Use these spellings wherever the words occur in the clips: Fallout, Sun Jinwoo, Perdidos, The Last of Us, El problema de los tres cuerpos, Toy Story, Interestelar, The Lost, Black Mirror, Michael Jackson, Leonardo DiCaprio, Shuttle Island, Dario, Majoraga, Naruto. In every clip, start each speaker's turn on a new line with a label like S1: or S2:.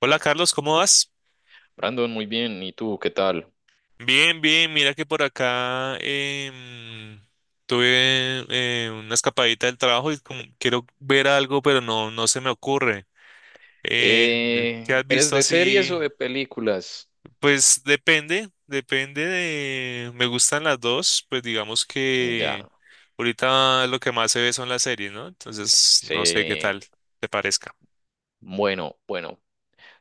S1: Hola Carlos, ¿cómo vas?
S2: Brandon, muy bien. ¿Y tú, qué tal?
S1: Bien, bien, mira que por acá tuve una escapadita del trabajo y como quiero ver algo, pero no se me ocurre. Eh, ¿Qué has
S2: ¿Eres
S1: visto
S2: de series o
S1: así?
S2: de películas?
S1: Pues depende Me gustan las dos, pues digamos que
S2: Ya,
S1: ahorita lo que más se ve son las series, ¿no? Entonces, no sé qué
S2: sí.
S1: tal te parezca.
S2: Bueno, bueno.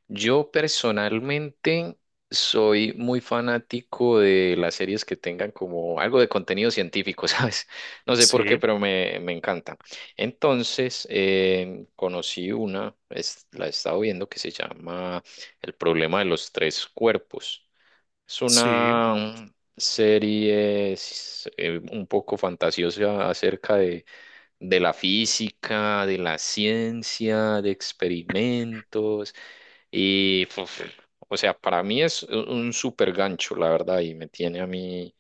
S2: Yo personalmente soy muy fanático de las series que tengan como algo de contenido científico, ¿sabes? No sé por
S1: Sí,
S2: qué, pero me encanta. Entonces, conocí una, la he estado viendo, que se llama El problema de los tres cuerpos. Es
S1: sí.
S2: una serie un poco fantasiosa acerca de, la física, de la ciencia, de experimentos y, puf, o sea, para mí es un super gancho, la verdad, y me tiene a mí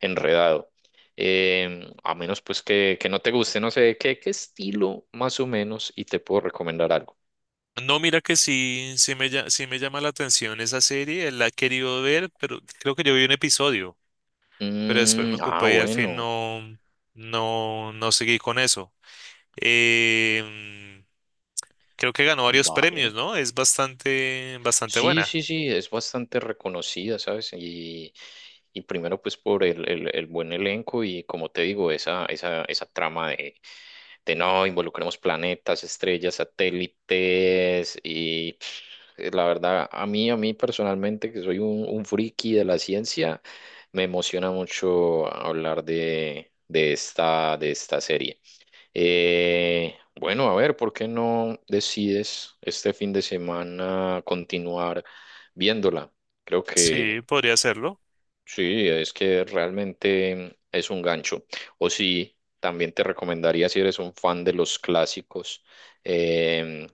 S2: enredado. Em, a menos pues que no te guste, no sé, ¿qué estilo más o menos? Y te puedo recomendar algo.
S1: No, mira que sí, sí me llama la atención esa serie, la he querido ver, pero creo que yo vi un episodio, pero después
S2: Mm,
S1: me
S2: ah,
S1: ocupé y al fin
S2: bueno,
S1: no seguí con eso. Em, Creo que ganó varios
S2: vale.
S1: premios, ¿no? Es bastante, bastante
S2: Sí,
S1: buena.
S2: sí, sí, es bastante reconocida, ¿sabes? Y primero pues por el, el buen elenco y como te digo, esa trama de, no involucremos planetas, estrellas, satélites y pff, la verdad a mí, personalmente que soy un friki de la ciencia, me emociona mucho hablar de, de esta serie. Bueno, a ver, ¿por qué no decides este fin de semana continuar viéndola? Creo
S1: Sí,
S2: que
S1: podría hacerlo.
S2: sí, es que realmente es un gancho. O sí, también te recomendaría si eres un fan de los clásicos. em,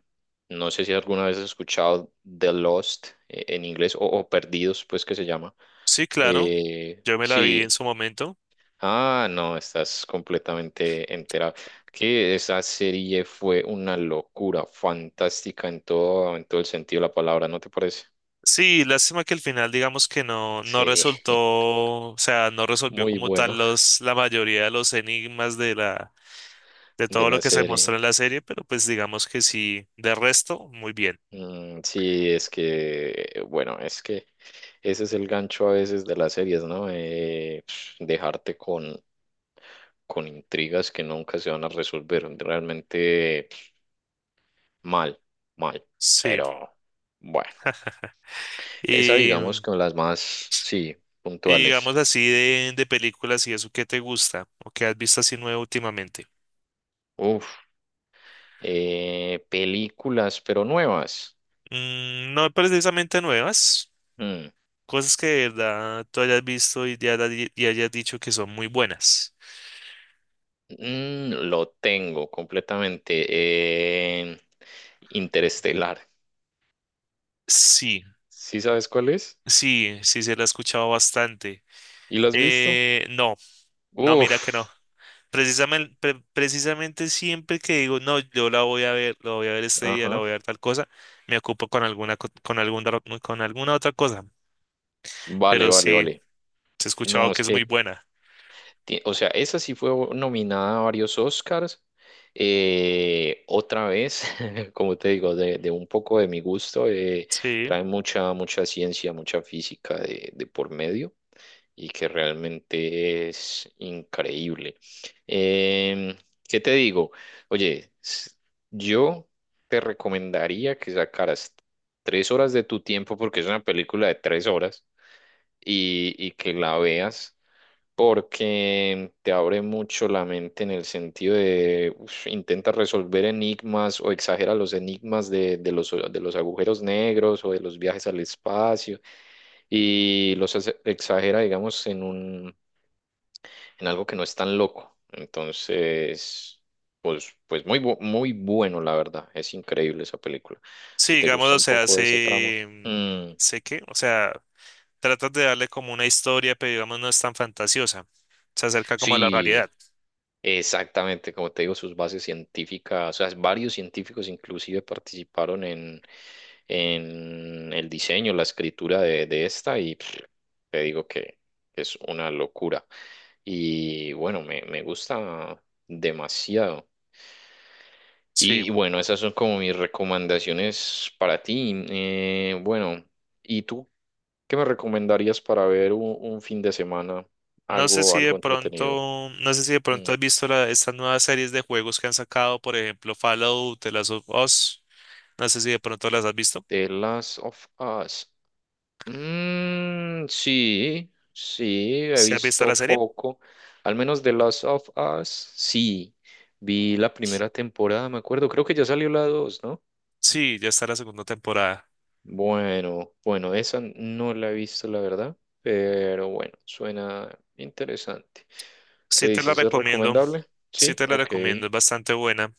S2: no sé si alguna vez has escuchado The Lost en inglés o, Perdidos, pues que se llama.
S1: Sí, claro, yo me la vi en
S2: Sí.
S1: su momento.
S2: Ah, no, estás completamente enterado. Que esa serie fue una locura, fantástica en todo el sentido de la palabra, ¿no te parece?
S1: Sí, lástima que al final digamos que no, no
S2: Sí,
S1: resultó, o sea, no resolvió
S2: muy
S1: como tal
S2: bueno
S1: la mayoría de los enigmas de la de
S2: de
S1: todo lo
S2: la
S1: que se
S2: serie.
S1: muestra en la serie, pero pues digamos que sí, de resto, muy bien.
S2: Mm, sí, es que, bueno, es que ese es el gancho a veces de las series, ¿no? Dejarte con intrigas que nunca se van a resolver, realmente mal, mal,
S1: Sí.
S2: pero bueno. Esa, digamos,
S1: Y,
S2: con las más, sí,
S1: y
S2: puntuales.
S1: digamos así de películas y eso, ¿qué te gusta o qué has visto así nuevo últimamente?
S2: Uf, películas, pero nuevas.
S1: Mm, no precisamente nuevas,
S2: Mm,
S1: cosas que de verdad tú hayas visto y, y hayas dicho que son muy buenas.
S2: mm, lo tengo completamente. Interestelar.
S1: Sí,
S2: ¿Sí sabes cuál es?
S1: sí, sí se la he escuchado bastante.
S2: ¿Y lo has visto?
S1: No, no,
S2: Uf,
S1: mira que no. Precisamente siempre que digo, no, yo la voy a ver, la voy a ver este día, la
S2: ajá.
S1: voy a ver tal cosa, me ocupo con con alguna otra cosa.
S2: Vale,
S1: Pero
S2: vale,
S1: sí,
S2: vale.
S1: he escuchado
S2: No,
S1: que
S2: es
S1: es muy
S2: que
S1: buena.
S2: O sea, esa sí fue nominada a varios Oscars. Otra vez, como te digo, de, un poco de mi gusto,
S1: Sí,
S2: trae mucha, mucha ciencia, mucha física de por medio y que realmente es increíble. Em, ¿Qué te digo? Oye, yo te recomendaría que sacaras 3 horas de tu tiempo porque es una película de 3 horas y que la veas porque te abre mucho la mente en el sentido de uf, intenta resolver enigmas o exagera los enigmas de, de los agujeros negros o de los viajes al espacio y los exagera, digamos, en algo que no es tan loco. Entonces, pues muy bueno, la verdad. Es increíble esa película.
S1: sí,
S2: Si te
S1: digamos,
S2: gusta
S1: o
S2: un
S1: sea,
S2: poco ese tramo.
S1: sé, mm,
S2: Mm,
S1: sé que, o sea, tratas de darle como una historia, pero digamos no es tan fantasiosa. Se acerca como a la realidad.
S2: sí. Exactamente, como te digo, sus bases científicas, o sea, varios científicos inclusive participaron en, el diseño, la escritura de esta y pff, te digo que es una locura. Y bueno, me gusta demasiado.
S1: Sí.
S2: Y bueno, esas son como mis recomendaciones para ti. Bueno, ¿y tú qué me recomendarías para ver un fin de semana?
S1: No sé
S2: Algo,
S1: si de
S2: algo entretenido.
S1: pronto, no sé si de
S2: Mm.
S1: pronto has visto estas nuevas series de juegos que han sacado, por ejemplo, Fallout, The Last of Us. No sé si de pronto las has visto.
S2: The Last of Us. Mm, sí, sí, he
S1: ¿Si has visto la
S2: visto
S1: serie?
S2: poco, al menos The Last of Us, sí, vi la primera temporada, me acuerdo, creo que ya salió la dos, ¿no?
S1: Sí, ya está la segunda temporada.
S2: Bueno, bueno, esa no la he visto, la verdad, pero bueno, suena interesante. ¿Qué
S1: Sí te la
S2: dices? ¿Es
S1: recomiendo,
S2: recomendable?
S1: sí
S2: Sí,
S1: te la
S2: ok,
S1: recomiendo, es bastante buena.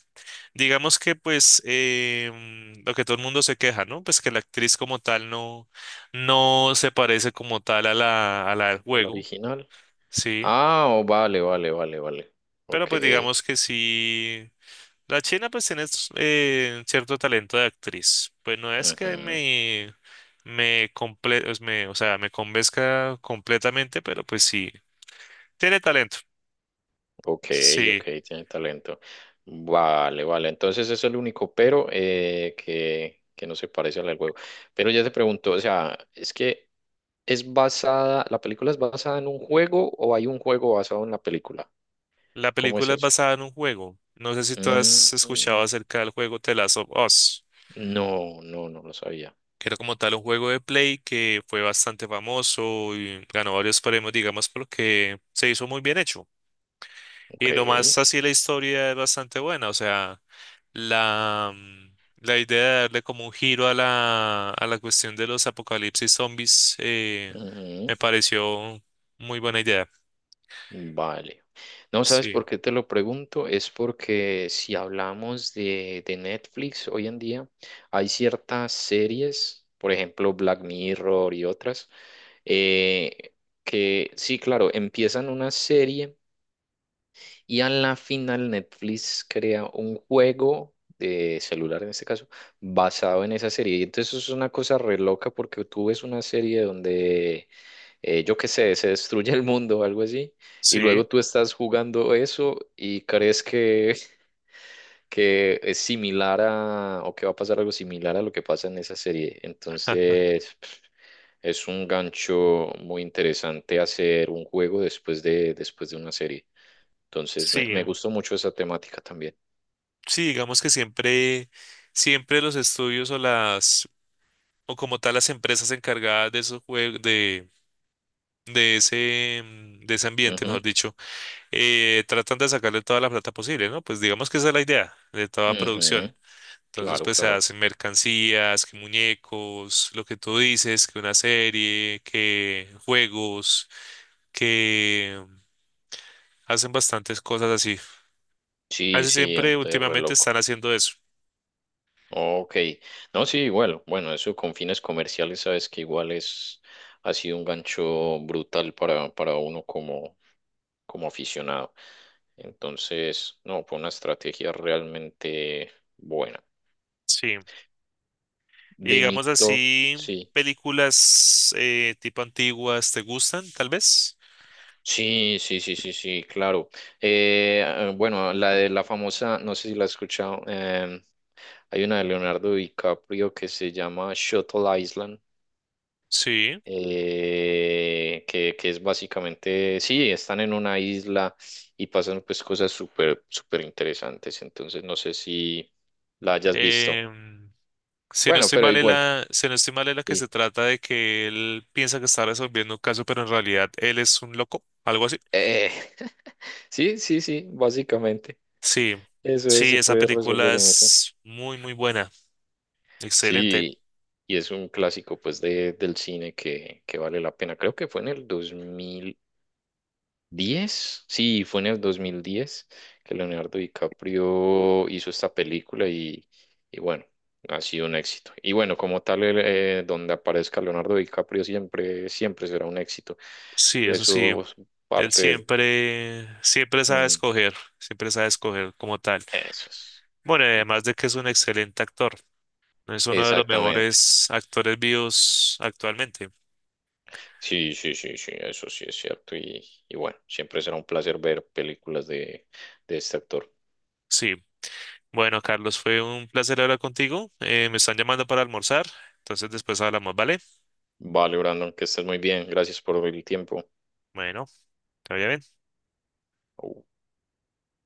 S1: Digamos que pues lo que todo el mundo se queja, ¿no? Pues que la actriz como tal no, no se parece como tal a la del
S2: ¿o la
S1: juego,
S2: original?
S1: sí.
S2: Ah, oh, vale, vale, vale, vale,
S1: Pero
S2: ok,
S1: pues digamos que sí, la china pues tiene cierto talento de actriz. Pues no es que
S2: ujú.
S1: me, comple- pues, me, o sea, me convenzca completamente, pero pues sí. Tiene talento.
S2: Ok, ok,
S1: Sí,
S2: tiene talento. Vale, vale. Entonces eso es el único pero que, no se parece al del juego. Pero ya te pregunto, o sea, es que es basada, la película es basada en un juego o hay un juego basado en la película.
S1: la
S2: ¿Cómo es
S1: película es
S2: eso?
S1: basada en un juego. No sé si tú has escuchado
S2: Mm,
S1: acerca del juego The Last of Us,
S2: no, no, no lo sabía.
S1: que era como tal un juego de Play que fue bastante famoso y ganó varios premios, digamos, porque se hizo muy bien hecho.
S2: Ok.
S1: Y nomás así la historia es bastante buena, o sea, la idea de darle como un giro a a la cuestión de los apocalipsis zombies
S2: Ujú.
S1: me pareció muy buena idea.
S2: Vale. No, ¿sabes
S1: Sí,
S2: por qué te lo pregunto? Es porque si hablamos de Netflix hoy en día, hay ciertas series, por ejemplo Black Mirror y otras, eh, que sí, claro, empiezan una serie y a la final Netflix crea un juego de celular en este caso, basado en esa serie. Y entonces eso es una cosa re loca porque tú ves una serie donde yo qué sé, se destruye el mundo o algo así, y luego
S1: sí,
S2: tú estás jugando eso y crees que, es similar a, o que va a pasar algo similar a lo que pasa en esa serie. Entonces, es un gancho muy interesante hacer un juego después de una serie. Entonces, me,
S1: sí.
S2: me gustó mucho esa temática también.
S1: Sí, digamos que siempre, siempre los estudios o como tal las empresas encargadas de esos juegos, de ese, mm, de ese ambiente,
S2: Ujú,
S1: mejor dicho, tratan de sacarle toda la plata posible, ¿no? Pues digamos que esa es la idea de toda producción.
S2: ujú,
S1: Entonces,
S2: claro,
S1: pues se
S2: claro.
S1: hacen mercancías, que muñecos, lo que tú dices, que una serie, que juegos, que mm, hacen bastantes cosas así.
S2: Sí,
S1: Casi
S2: sí,
S1: siempre
S2: entonces
S1: últimamente
S2: reloj.
S1: están haciendo eso.
S2: Ok, no, sí, igual, bueno, eso con fines comerciales, sabes que igual es, ha sido un gancho brutal para, uno como aficionado. Entonces, no, fue una estrategia realmente buena.
S1: Sí. Y
S2: De mi
S1: digamos
S2: top,
S1: así,
S2: sí.
S1: películas tipo antiguas, ¿te gustan, tal vez?
S2: Sí, sí, sí, sí, sí, claro. Ah, bueno, la de la famosa, no sé si la has escuchado, hay una de Leonardo DiCaprio que se llama Shuttle Island.
S1: Sí.
S2: Que es básicamente, sí, están en una isla y pasan pues cosas súper, súper interesantes, entonces no sé si la hayas visto.
S1: Em, si no
S2: Bueno,
S1: estoy
S2: pero
S1: mal,
S2: igual,
S1: si no estoy mal, es la que
S2: sí.
S1: se trata de que él piensa que está resolviendo un caso, pero en realidad él es un loco, algo así.
S2: Eh, sí, sí, sí, básicamente.
S1: Sí,
S2: Eso es,
S1: sí,
S2: se
S1: esa
S2: puede
S1: película
S2: resolver en eso.
S1: es muy, muy buena. Excelente.
S2: Sí, y es un clásico pues del cine que, vale la pena. Creo que fue en el 10 Sí, fue en el 2010 que Leonardo DiCaprio hizo esta película y bueno, ha sido un éxito. Y bueno, como tal, donde aparezca Leonardo DiCaprio siempre, siempre será un éxito.
S1: Sí, eso sí.
S2: Eso es
S1: Él
S2: parte de...
S1: siempre,
S2: mm,
S1: siempre sabe escoger como tal.
S2: Eso es.
S1: Bueno, y además de que es un excelente actor. Es uno de los
S2: Exactamente.
S1: mejores actores vivos actualmente.
S2: Sí, sí, sí, sí, eso sí es cierto. Y bueno, siempre será un placer ver películas de, este actor.
S1: Sí. Bueno, Carlos, fue un placer hablar contigo. Me están llamando para almorzar. Entonces después hablamos, ¿vale?
S2: Vale, Brandon, que estés muy bien. Gracias por el tiempo.
S1: Bueno, todavía bien.